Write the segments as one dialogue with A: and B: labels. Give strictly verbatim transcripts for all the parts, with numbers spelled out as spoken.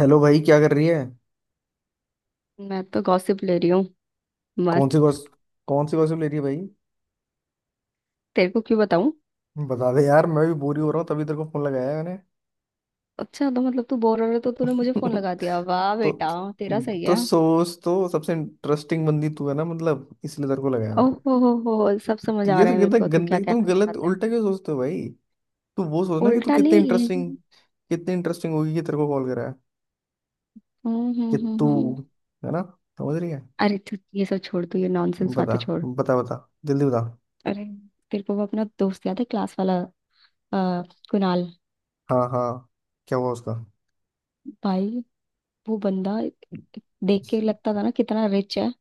A: Hello भाई क्या कर रही है।
B: मैं तो गॉसिप ले रही हूँ।
A: कौन सी
B: मस्त।
A: गॉस, कौन सी गॉसिप ले रही है भाई।
B: तेरे को क्यों बताऊं?
A: बता दे यार, मैं भी बोरी हो रहा हूँ तभी तेरे को फोन लगाया है मैंने।
B: अच्छा, तो मतलब तू बोर हो रहा है तो तूने मुझे फोन लगा दिया। वाह
A: तो
B: बेटा, तेरा सही
A: तो
B: है।
A: सोच, तो सबसे इंटरेस्टिंग बंदी तू है ना, मतलब इसलिए तेरे को लगाया
B: ओह
A: मैंने।
B: हो हो हो सब समझ
A: तो
B: आ
A: ये
B: रहा
A: तो
B: है मेरे
A: कितना
B: को, तू क्या
A: गंदे, तुम
B: कहना
A: गलत
B: चाहता है।
A: उल्टा क्यों सोचते हो भाई। तू वो सोच ना कि तू
B: उल्टा
A: कितने
B: नहीं।
A: इंटरेस्टिंग, कितनी इंटरेस्टिंग होगी कि तेरे को कॉल करा है।
B: हम्म हम्म
A: कि तू,
B: हम्म हम्म।
A: है ना, समझ रही है।
B: अरे, तू ये सब छोड़, तू ये नॉनसेंस
A: बता
B: बातें छोड़।
A: बता बता, जल्दी बता।
B: अरे, तेरे को वो अपना दोस्त याद है क्लास वाला, आ, कुणाल?
A: हाँ हाँ, क्या हुआ उसका।
B: भाई, वो बंदा देख के लगता था ना कितना रिच है।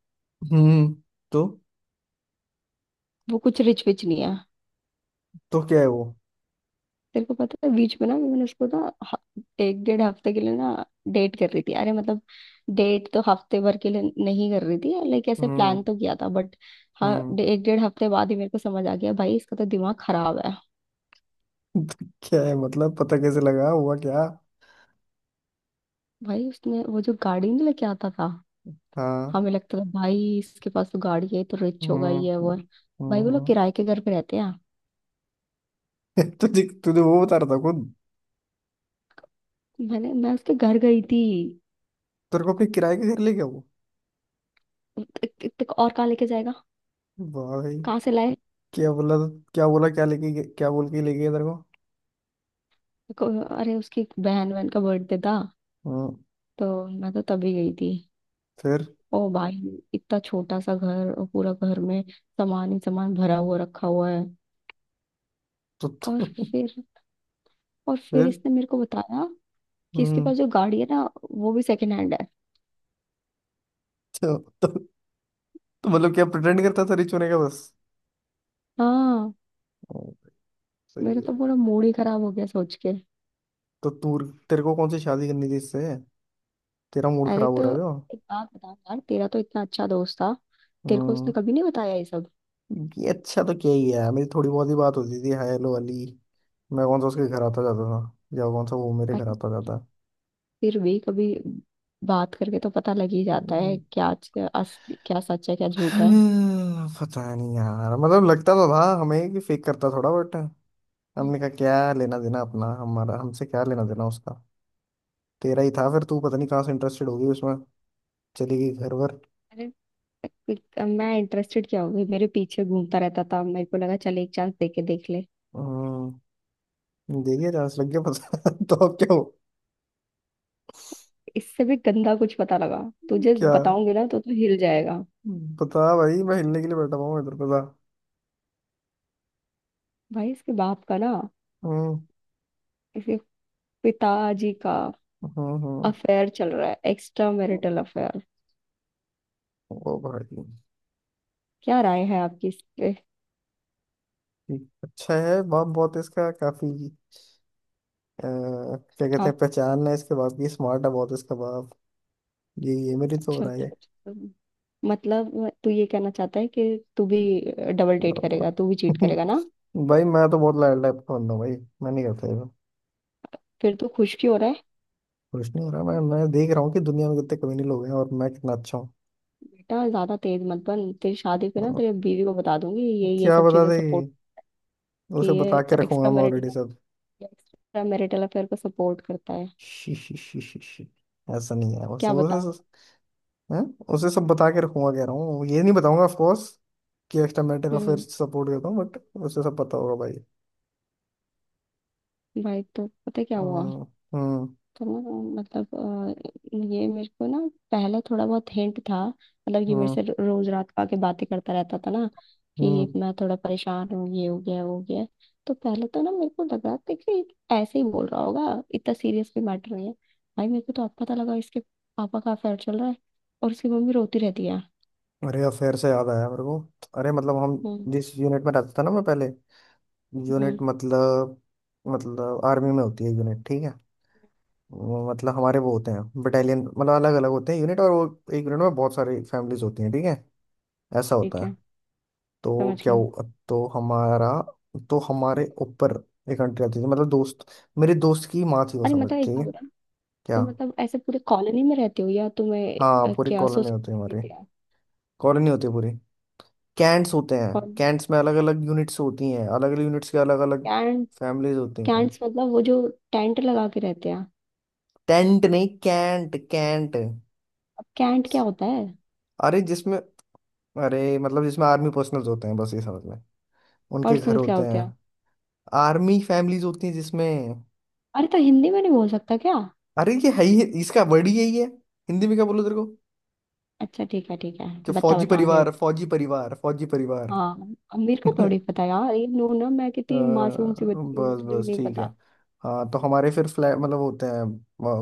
A: हम्म, तो
B: वो कुछ रिच विच नहीं है।
A: तो क्या है वो।
B: तेरे को पता है, बीच में ना मैंने उसको ना ह- एक डेढ़ हफ्ते के लिए ना डेट कर रही थी। अरे मतलब डेट तो हफ्ते भर के लिए नहीं कर रही थी, लाइक ऐसे
A: हम्म।
B: प्लान तो किया था, बट हाँ,
A: हम्म।
B: डे- एक डेढ़ हफ्ते बाद ही मेरे को समझ आ गया भाई, इसका तो दिमाग खराब है।
A: क्या है मतलब, पता कैसे लगा, हुआ क्या।
B: भाई उसने वो जो गाड़ी नहीं लेके आता था,
A: हाँ।
B: हमें लगता था भाई इसके पास तो गाड़ी है, ये तो रिच होगा,
A: हम्म
B: ये है,
A: हम्म
B: वो है। भाई वो लोग
A: हम्म।
B: किराए के घर पे रहते हैं।
A: तुझे तुझे वो बता रहा था खुद।
B: मैंने मैं उसके घर गई थी।
A: तेरे को अपने किराए के घर ले गया वो।
B: त- त- त- और कहाँ लेके जाएगा?
A: वाह भाई।
B: कहाँ से लाए?
A: क्या बोला, क्या बोला, क्या लेके गया- क्या बोल के ले गया तेरे को।
B: को- अरे, उसकी बहन बहन का बर्थडे था,
A: हम्म।
B: तो मैं तो तभी गई थी।
A: फिर।
B: ओ भाई, इतना छोटा सा घर और पूरा घर में सामान ही सामान भरा हुआ रखा हुआ है।
A: तो,
B: और
A: तो
B: फिर, और फिर
A: फिर।
B: इसने मेरे को बताया कि इसके
A: हम्म।
B: पास जो गाड़ी है ना, वो भी सेकंड हैंड है।
A: तो, तो, तो मतलब क्या, प्रिटेंड करता था रिच होने का बस।
B: हाँ,
A: ओ, सही
B: मेरा तो
A: है।
B: पूरा मूड ही खराब हो गया सोच के।
A: तो तू, तेरे को कौन सी शादी करनी थी इससे, तेरा मूड
B: अरे
A: खराब हो
B: तो
A: रहा है जो।
B: एक बात बता यार, तेरा तो इतना अच्छा दोस्त था, तेरे को उसने
A: हम्म।
B: कभी नहीं बताया ये सब?
A: ये अच्छा तो क्या ही है, मेरी थोड़ी बहुत ही बात होती थी हाय हेलो वाली। मैं कौन सा उसके घर आता जाता था, या कौन सा वो मेरे घर
B: अरे,
A: आता जाता।
B: फिर भी कभी बात करके तो पता लग ही जाता है, क्या क्या अस- क्या सच है क्या झूठ है।
A: हम्म, पता नहीं यार। मतलब लगता तो था हमें कि फेक करता थोड़ा, बट
B: हम्म।
A: हमने कहा क्या लेना देना अपना, हमारा हमसे क्या लेना देना उसका। तेरा ही था फिर, तू पता नहीं कहाँ से इंटरेस्टेड होगी उसमें, चली गई घर वर।
B: अरे, पिक- मैं इंटरेस्टेड क्या हो गई, मेरे पीछे घूमता रहता था, मेरे को लगा चल एक चांस दे के देख ले।
A: हम्म, देखिए जांच लग गया पता। तो अब क्या हो।
B: इससे भी गंदा कुछ पता लगा, तुझे
A: क्या
B: बताऊंगी ना तो तू हिल जाएगा।
A: पता भाई, मैं हिलने के लिए बैठा हुआ हूँ इधर, पता।
B: भाई, इसके बाप का ना,
A: हम्म
B: इसके पिताजी का
A: हम्म हम्म।
B: अफेयर चल रहा है, एक्स्ट्रा मैरिटल अफेयर।
A: ओ भाई।
B: क्या राय है आपकी इस पे?
A: ठीक, अच्छा है, बम बहुत है इसका काफी। अ, क्या कहते
B: हाँ।
A: हैं, पहचान है इसके बाप की, स्मार्ट है बहुत इसका बाप। ये ये मेरी तो हो
B: अच्छा
A: रहा
B: अच्छा
A: है।
B: अच्छा। मतलब तू ये कहना चाहता है कि तू भी डबल
A: अ,
B: डेट करेगा, तू भी चीट करेगा ना?
A: भाई मैं तो बहुत लाइट टाइप का बंदा हूँ भाई, मैं नहीं करता ये सब।
B: फिर तू खुश क्यों हो रहा है?
A: खुश नहीं हो रहा, मैं मैं देख रहा हूँ कि दुनिया में कितने कमीने लोग हैं और मैं कितना अच्छा हूँ।
B: बेटा, ज्यादा तेज मत बन, तेरी शादी
A: अ,
B: पे ना तेरी बीवी को बता दूंगी ये ये
A: क्या
B: सब
A: बता
B: चीजें
A: दे।
B: सपोर्ट, कि
A: उसे
B: ये
A: बता के रखूंगा
B: एक्स्ट्रा
A: मैं
B: मैरिटल
A: ऑलरेडी सब।
B: एक्स्ट्रा मैरिटल अफेयर को सपोर्ट करता है।
A: शी, शी, शी, शी, शी। ऐसा नहीं है, उसे
B: क्या बताऊं?
A: उसे हैं? उसे सब बता के रखूंगा कह रहा हूँ, ये नहीं बताऊंगा ऑफ कोर्स कि एक्स्ट्रा मैटर अफेयर
B: हम्म।
A: सपोर्ट करता हूँ, बट उसे सब पता होगा भाई।
B: भाई, तो पता है क्या हुआ?
A: हम्म हम्म
B: तो ना मतलब, अ, ये मेरे को ना पहले थोड़ा बहुत हिंट था, मतलब ये मेरे से
A: हम्म।
B: रो- रोज रात को आके बातें करता रहता था ना कि
A: हम्म।
B: मैं थोड़ा परेशान हूँ, ये हो गया वो हो गया। तो पहले तो ना मेरे को लगा था कि ऐसे ही बोल रहा होगा, इतना सीरियस भी मैटर नहीं है। भाई मेरे को तो अब पता लगा इसके पापा का अफेयर चल रहा है, और उसकी मम्मी रोती रहती है।
A: अरे, अफेयर से याद आया मेरे को। अरे मतलब हम,
B: हम्म
A: जिस यूनिट में रहता था ना मैं पहले। यूनिट
B: हम्म।
A: मतलब, मतलब आर्मी में होती है यूनिट ठीक है। वो मतलब हमारे वो होते हैं बटालियन, मतलब अलग अलग होते हैं यूनिट, और वो एक यूनिट में बहुत सारी फैमिलीज होती हैं, ठीक है। ऐसा
B: ठीक
A: होता है।
B: है।
A: तो
B: समझ
A: क्या
B: गई।
A: हुआ, तो हमारा, तो हमारे ऊपर एक आंटी रहती थी, मतलब दोस्त, मेरे दोस्त की माँ थी वो,
B: अरे
A: समझ
B: मतलब एक
A: ठीक है।
B: बात बता, तो
A: क्या।
B: मतलब ऐसे पूरे कॉलोनी में रहते हो या तुम्हें,
A: हाँ
B: अ,
A: पूरी
B: क्या
A: कॉलोनी होती है
B: सोसाइटी
A: हमारी।
B: रहते हैं?
A: कॉलोनी होती है पूरी। कैंट्स होते हैं।
B: कौन?
A: कैंट्स में अलग अलग यूनिट्स होती हैं, अलग अलग यूनिट्स के अलग अलग
B: कैंट?
A: फैमिलीज होती हैं।
B: कैंट्स मतलब वो जो टेंट लगा के रहते हैं?
A: टेंट नहीं, कैंट कैंट।
B: अब कैंट क्या होता है?
A: अरे जिसमें, अरे मतलब जिसमें आर्मी पर्सनल्स होते हैं बस, ये समझ में,
B: और
A: उनके घर
B: सुन, क्या
A: होते
B: होते
A: हैं।
B: हैं?
A: आर्मी फैमिलीज होती हैं जिसमें।
B: अरे तो हिंदी में नहीं बोल सकता क्या?
A: अरे ये है ही इसका वर्ड ही यही है। हिंदी में क्या बोलो तेरे को
B: अच्छा ठीक है ठीक है।
A: कि
B: बता
A: फौजी
B: बता आगे
A: परिवार,
B: बता।
A: फौजी परिवार, फौजी परिवार।
B: हाँ, अब मेरे को थोड़ी पता यार, ये नो ना मैं कितनी
A: अ,
B: मासूम सी बच्ची हूँ,
A: बस
B: मुझे
A: बस
B: नहीं
A: ठीक है।
B: पता।
A: हाँ तो हमारे फिर फ्लैट मतलब होते हैं,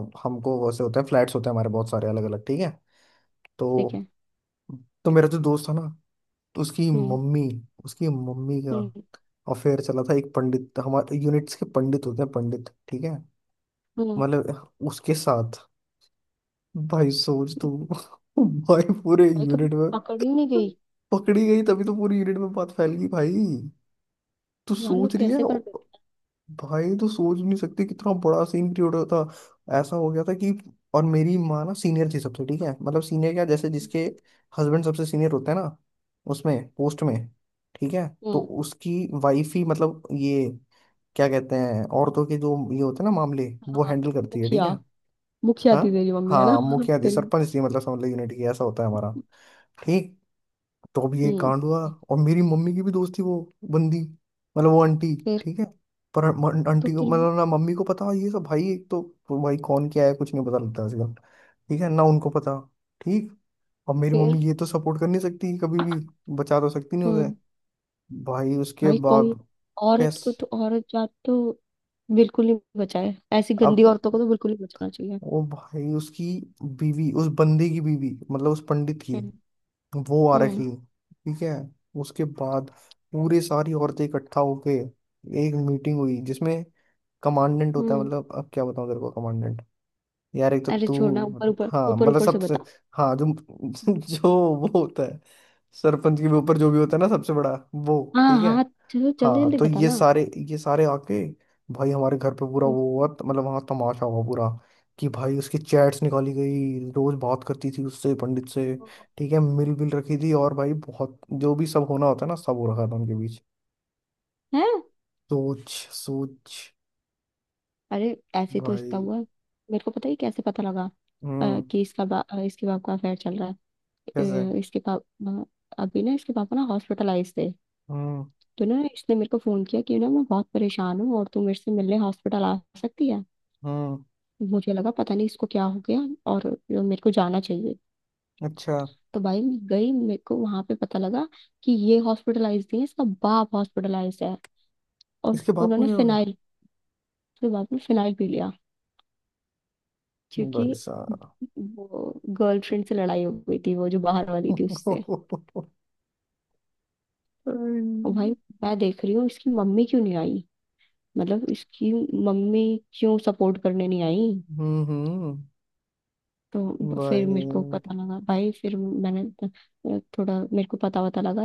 A: अ, हमको वैसे होते हैं, फ्लैट्स होते हैं हमारे बहुत सारे अलग अलग, ठीक है। तो
B: ठीक है।
A: तो मेरा जो दोस्त था ना, तो उसकी
B: हम्म
A: मम्मी, उसकी मम्मी का
B: हम्म
A: अफेयर चला था एक पंडित, हमारे यूनिट्स के पंडित होते हैं पंडित, ठीक है,
B: हम्म।
A: मतलब उसके साथ। भाई सोच तू। भाई पूरे
B: भाई, कभी
A: यूनिट में
B: पकड़ ही नहीं गई।
A: पकड़ी गई, तभी तो पूरी यूनिट में बात फैल गई भाई। तू
B: यार लोग
A: सोच रही है
B: कैसे कर लेते?
A: भाई, तो सोच नहीं सकते कितना बड़ा सीन क्रिएट हुआ था, ऐसा हो गया था कि। और मेरी माँ ना सीनियर थी सबसे, ठीक है, मतलब सीनियर क्या जैसे जिसके हस्बैंड सबसे सीनियर होता है ना, उसमें पोस्ट में, ठीक है।
B: हैं?
A: तो
B: हम्म।
A: उसकी वाइफ ही, मतलब ये क्या कहते हैं, औरतों के जो ये होते हैं ना मामले, वो
B: हाँ।
A: हैंडल करती है ठीक
B: मुखिया।
A: है।
B: मुखिया
A: हाँ।
B: थी तेरी मम्मी है ना
A: हाँ मुखिया थी,
B: तेरी।
A: सरपंच थी, मतलब समझ लो यूनिट की, ऐसा होता है हमारा। ठीक। तो अब ये
B: हम्म।
A: कांड हुआ। और मेरी मम्मी की भी दोस्त थी वो बंदी, मतलब वो आंटी,
B: फिर।
A: ठीक है। पर म-
B: तो
A: आंटी को
B: फिर।
A: मतलब, ना मम्मी को पता ये सब भाई, एक तो, भाई कौन क्या है कुछ नहीं पता लगता आजकल, ठीक है ना, उनको पता। ठीक। अब मेरी
B: फिर।
A: मम्मी ये तो सपोर्ट कर नहीं सकती कभी भी, बचा तो सकती नहीं उसे।
B: हम्म।
A: भाई उसके
B: भाई कोई
A: बाद।
B: औरत
A: कैस।
B: को तो, औरत जात तो बिल्कुल नहीं बचाए, ऐसी
A: अब
B: गंदी औरतों को तो बिल्कुल नहीं बचाना चाहिए।
A: वो भाई उसकी बीवी, उस बंदे की बीवी मतलब, उस पंडित की,
B: हम्म
A: वो आ
B: हम्म
A: रखी, ठीक है। उसके बाद पूरे सारी औरतें इकट्ठा होके एक मीटिंग हुई, जिसमें कमांडेंट होता है,
B: हम्म।
A: मतलब अब क्या बताऊं तेरे को कमांडेंट। यार एक तो
B: अरे छोड़ना,
A: तू।
B: ऊपर ऊपर
A: हाँ
B: ऊपर
A: मतलब
B: ऊपर से
A: सबसे,
B: बता।
A: हाँ जो जो वो होता है, सरपंच के भी ऊपर जो भी होता है ना सबसे बड़ा वो,
B: हाँ
A: ठीक है।
B: हाँ। चलो जल्दी
A: हाँ
B: जल्दी
A: तो ये
B: बताना
A: सारे, ये सारे आके, भाई हमारे घर पे पूरा वो हुआ, त- मतलब वहाँ तमाशा हुआ पूरा, कि भाई उसकी चैट्स निकाली गई, रोज बात करती थी उससे, पंडित से, ठीक है, मिल विल रखी थी, और भाई बहुत जो भी सब होना होता है ना सब हो रखा था उनके बीच।
B: है।
A: सोच। सोच
B: अरे ऐसे तो इसका
A: भाई।
B: हुआ मेरे को पता, ही कैसे पता लगा। अ,
A: हम्म।
B: कि इसका बा, अ, इसके बाप का अफेयर चल रहा
A: कैसे।
B: है। अ, इसके बाप अ, अभी ना इसके पापा ना हॉस्पिटलाइज थे।
A: हम्म।
B: तो ना इसने मेरे को फोन किया कि ना मैं बहुत परेशान हूँ और तू मेरे से मिलने हॉस्पिटल आ सकती है?
A: हम्म।
B: मुझे लगा पता नहीं इसको क्या हो गया और मेरे को जाना चाहिए।
A: अच्छा।
B: तो भाई मैं गई, मेरे को वहां पे पता लगा कि ये हॉस्पिटलाइज नहीं है, इसका बाप हॉस्पिटलाइज है। और
A: इसके बाप को
B: उन्होंने
A: क्या हो गया।
B: फिनाइल, उसके बाद में फिनाइल पी लिया, क्योंकि
A: भाई साहब।
B: वो गर्लफ्रेंड से लड़ाई हो गई थी, वो जो बाहर वाली थी उससे। और भाई,
A: हम्म।
B: मैं देख रही हूँ इसकी मम्मी क्यों नहीं आई, मतलब इसकी मम्मी क्यों सपोर्ट करने नहीं आई।
A: हम्म।
B: तो फिर
A: भाई।
B: मेरे को पता लगा भाई, फिर मैंने अ, थोड़ा मेरे को पता वता लगा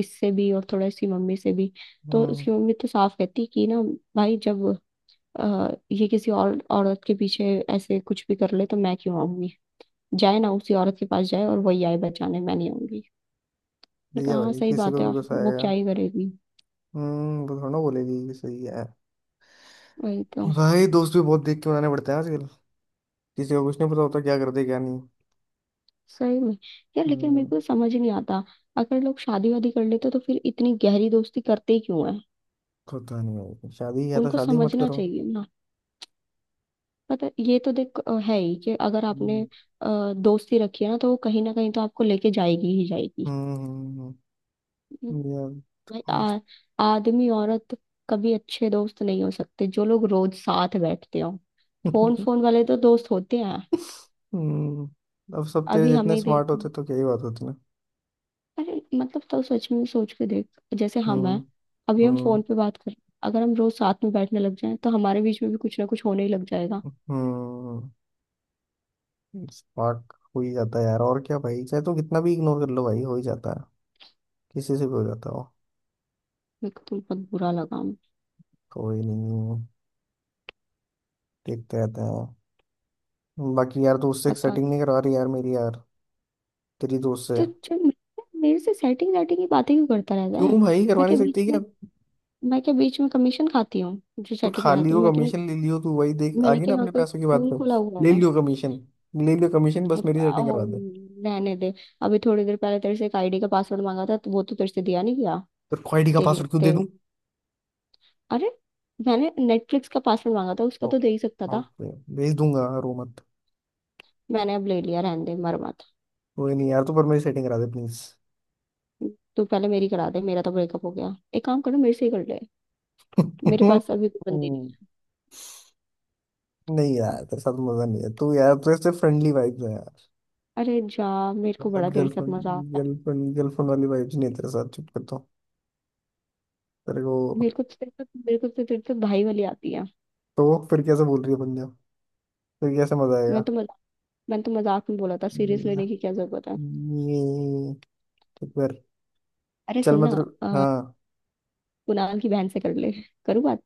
B: इससे भी, और थोड़ा इसकी मम्मी से भी। तो
A: हम्म।
B: उसकी मम्मी तो साफ कहती कि ना भाई, जब अ, ये किसी और औरत के पीछे ऐसे कुछ भी कर ले तो मैं क्यों आऊंगी? जाए ना उसी औरत के पास, जाए और वही आए बचाने, मैं नहीं आऊंगी। मैंने
A: सही
B: कहा
A: है
B: हाँ
A: भाई,
B: सही
A: किसी
B: बात
A: को
B: है,
A: भी गुस्सा
B: वो क्या
A: आएगा।
B: ही करेगी।
A: हम्म, वो थोड़ा बोलेगी कि सही है।
B: वही तो।
A: भाई दोस्त भी बहुत देख के बनाने पड़ते हैं आजकल, किसी को कुछ नहीं पता होता क्या कर दे क्या नहीं।
B: सही में यार, लेकिन मेरे
A: हम्म।
B: को समझ ही नहीं आता, अगर लोग शादी वादी कर लेते तो फिर इतनी गहरी दोस्ती करते ही क्यों है?
A: पता नहीं भाई, शादी या तो
B: उनको
A: शादी मत
B: समझना
A: करो।
B: चाहिए ना। पता है, ये तो देख अ, है ही कि अगर आपने
A: हम्म।
B: अ, दोस्ती रखी है ना, तो वो कहीं ना कहीं तो आपको लेके जाएगी ही जाएगी।
A: हम्म।
B: हम्म।
A: हम्म, यार।
B: भाई,
A: हम-
B: आ, आदमी औरत कभी अच्छे दोस्त नहीं हो सकते, जो लोग रोज साथ बैठते हो। फोन फोन वाले तो दोस्त होते हैं।
A: हम्म, अब सब तेरे
B: अभी हमें
A: जितने
B: ही देख,
A: स्मार्ट होते तो क्या ही बात होती ना।
B: अरे मतलब तो सच में सोच के देख, जैसे हम
A: हम्म।
B: हैं, अभी हम
A: हम्म।
B: फोन पे बात कर रहे हैं। अगर हम रोज साथ में बैठने लग जाएं तो हमारे बीच में भी कुछ ना कुछ होने ही लग जाएगा।
A: हम्म, स्मार्ट हो ही जाता है यार, और क्या भाई, चाहे तो कितना भी इग्नोर कर लो भाई हो ही जाता है, किसी से भी हो जाता हो।
B: मेरे को तो बहुत बुरा लगा।
A: कोई नहीं, देखते रहते हैं। बाकी यार दोस्त से
B: पता।
A: सेटिंग नहीं करवा रही यार मेरी यार, तेरी दोस्त से।
B: तो जब मेरे, मेरे से सेटिंग सेटिंग की बातें क्यों करता रहता है?
A: क्यों भाई, करवा
B: मैं
A: नहीं
B: क्या बीच
A: सकती क्या।
B: में मैं क्या बीच में कमीशन खाती हूँ जो
A: तू
B: सेटिंग
A: खा
B: कराती
A: लियो
B: हूँ, मैं क्या?
A: कमीशन, ले लियो, तू वही देख आ
B: मैंने
A: गई ना
B: क्या यहाँ
A: अपने
B: पे
A: पैसों की बात
B: स्कूल
A: पे।
B: खुला हुआ
A: ले
B: है?
A: लियो कमीशन, ले लियो कमीशन,
B: ओ,
A: बस मेरी सेटिंग करवा दे।
B: रहने दे। अभी थोड़ी देर पहले तेरे से एक आईडी का पासवर्ड मांगा था तो वो तो तेरे से दिया नहीं गया।
A: तो क्वालिटी का
B: तेरे
A: पासवर्ड क्यों दे
B: तेरे
A: दूं।
B: अरे, मैंने नेटफ्लिक्स का पासवर्ड मांगा था, उसका
A: ओ,
B: तो दे ही सकता था।
A: ओके, भेज दूंगा रो मत।
B: मैंने अब ले लिया, रहने दे, मर मत।
A: कोई नहीं यार, तू पर मेरी सेटिंग करा दे प्लीज।
B: तू पहले मेरी करा दे, मेरा तो ब्रेकअप हो गया, एक काम करो मेरे से ही कर ले। मेरे पास अभी कोई बंदी नहीं।
A: नहीं यार तेरे साथ मजा नहीं है तू यार, तेरे से फ्रेंडली वाइब्स है यार।
B: अरे जा, मेरे
A: तेरे
B: को
A: साथ
B: बड़ा तेरे साथ मजा
A: गर्लफ्रेंड,
B: आता है।
A: गर्लफ्रेंड गर्लफ्रेंड वाली वाइब्स नहीं है तेरे साथ, चुप कर दो तेरे को।
B: मेरे को तो तेरे तो मेरे को तो तेरे तो भाई वाली आती है।
A: तो वो फिर कैसे बोल रही है पंजाब, फिर कैसे मजा
B: मैं
A: आएगा।
B: तो मजाक मैंने तो मजाक में बोला था, सीरियस
A: ये
B: लेने की क्या जरूरत है?
A: ये- तो फिर
B: अरे
A: चल
B: सुन
A: मैं
B: ना,
A: तेरे।
B: आ,
A: हाँ।
B: कुणाल की बहन से कर ले? करूँ बात?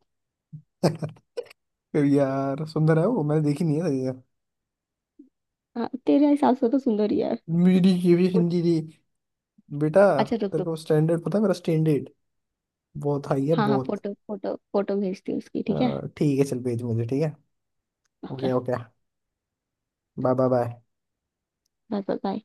A: फिर यार सुंदर है वो, मैंने देखी नहीं है तभी यार।
B: हाँ तेरे हिसाब से तो सुंदर ही है।
A: मेरी ये भी
B: फोटो-
A: हिंदी थी बेटा।
B: अच्छा, रुक
A: तेरे
B: रुक।
A: को स्टैंडर्ड पता है मेरा, स्टैंडर्ड बहुत हाई है
B: हाँ हाँ,
A: बहुत।
B: फोटो फोटो फोटो भेजती हूँ उसकी, ठीक है।
A: अ, ठीक है चल, भेज मुझे, ठीक है।
B: Okay.
A: Okay okay, bye bye bye.
B: Bye bye.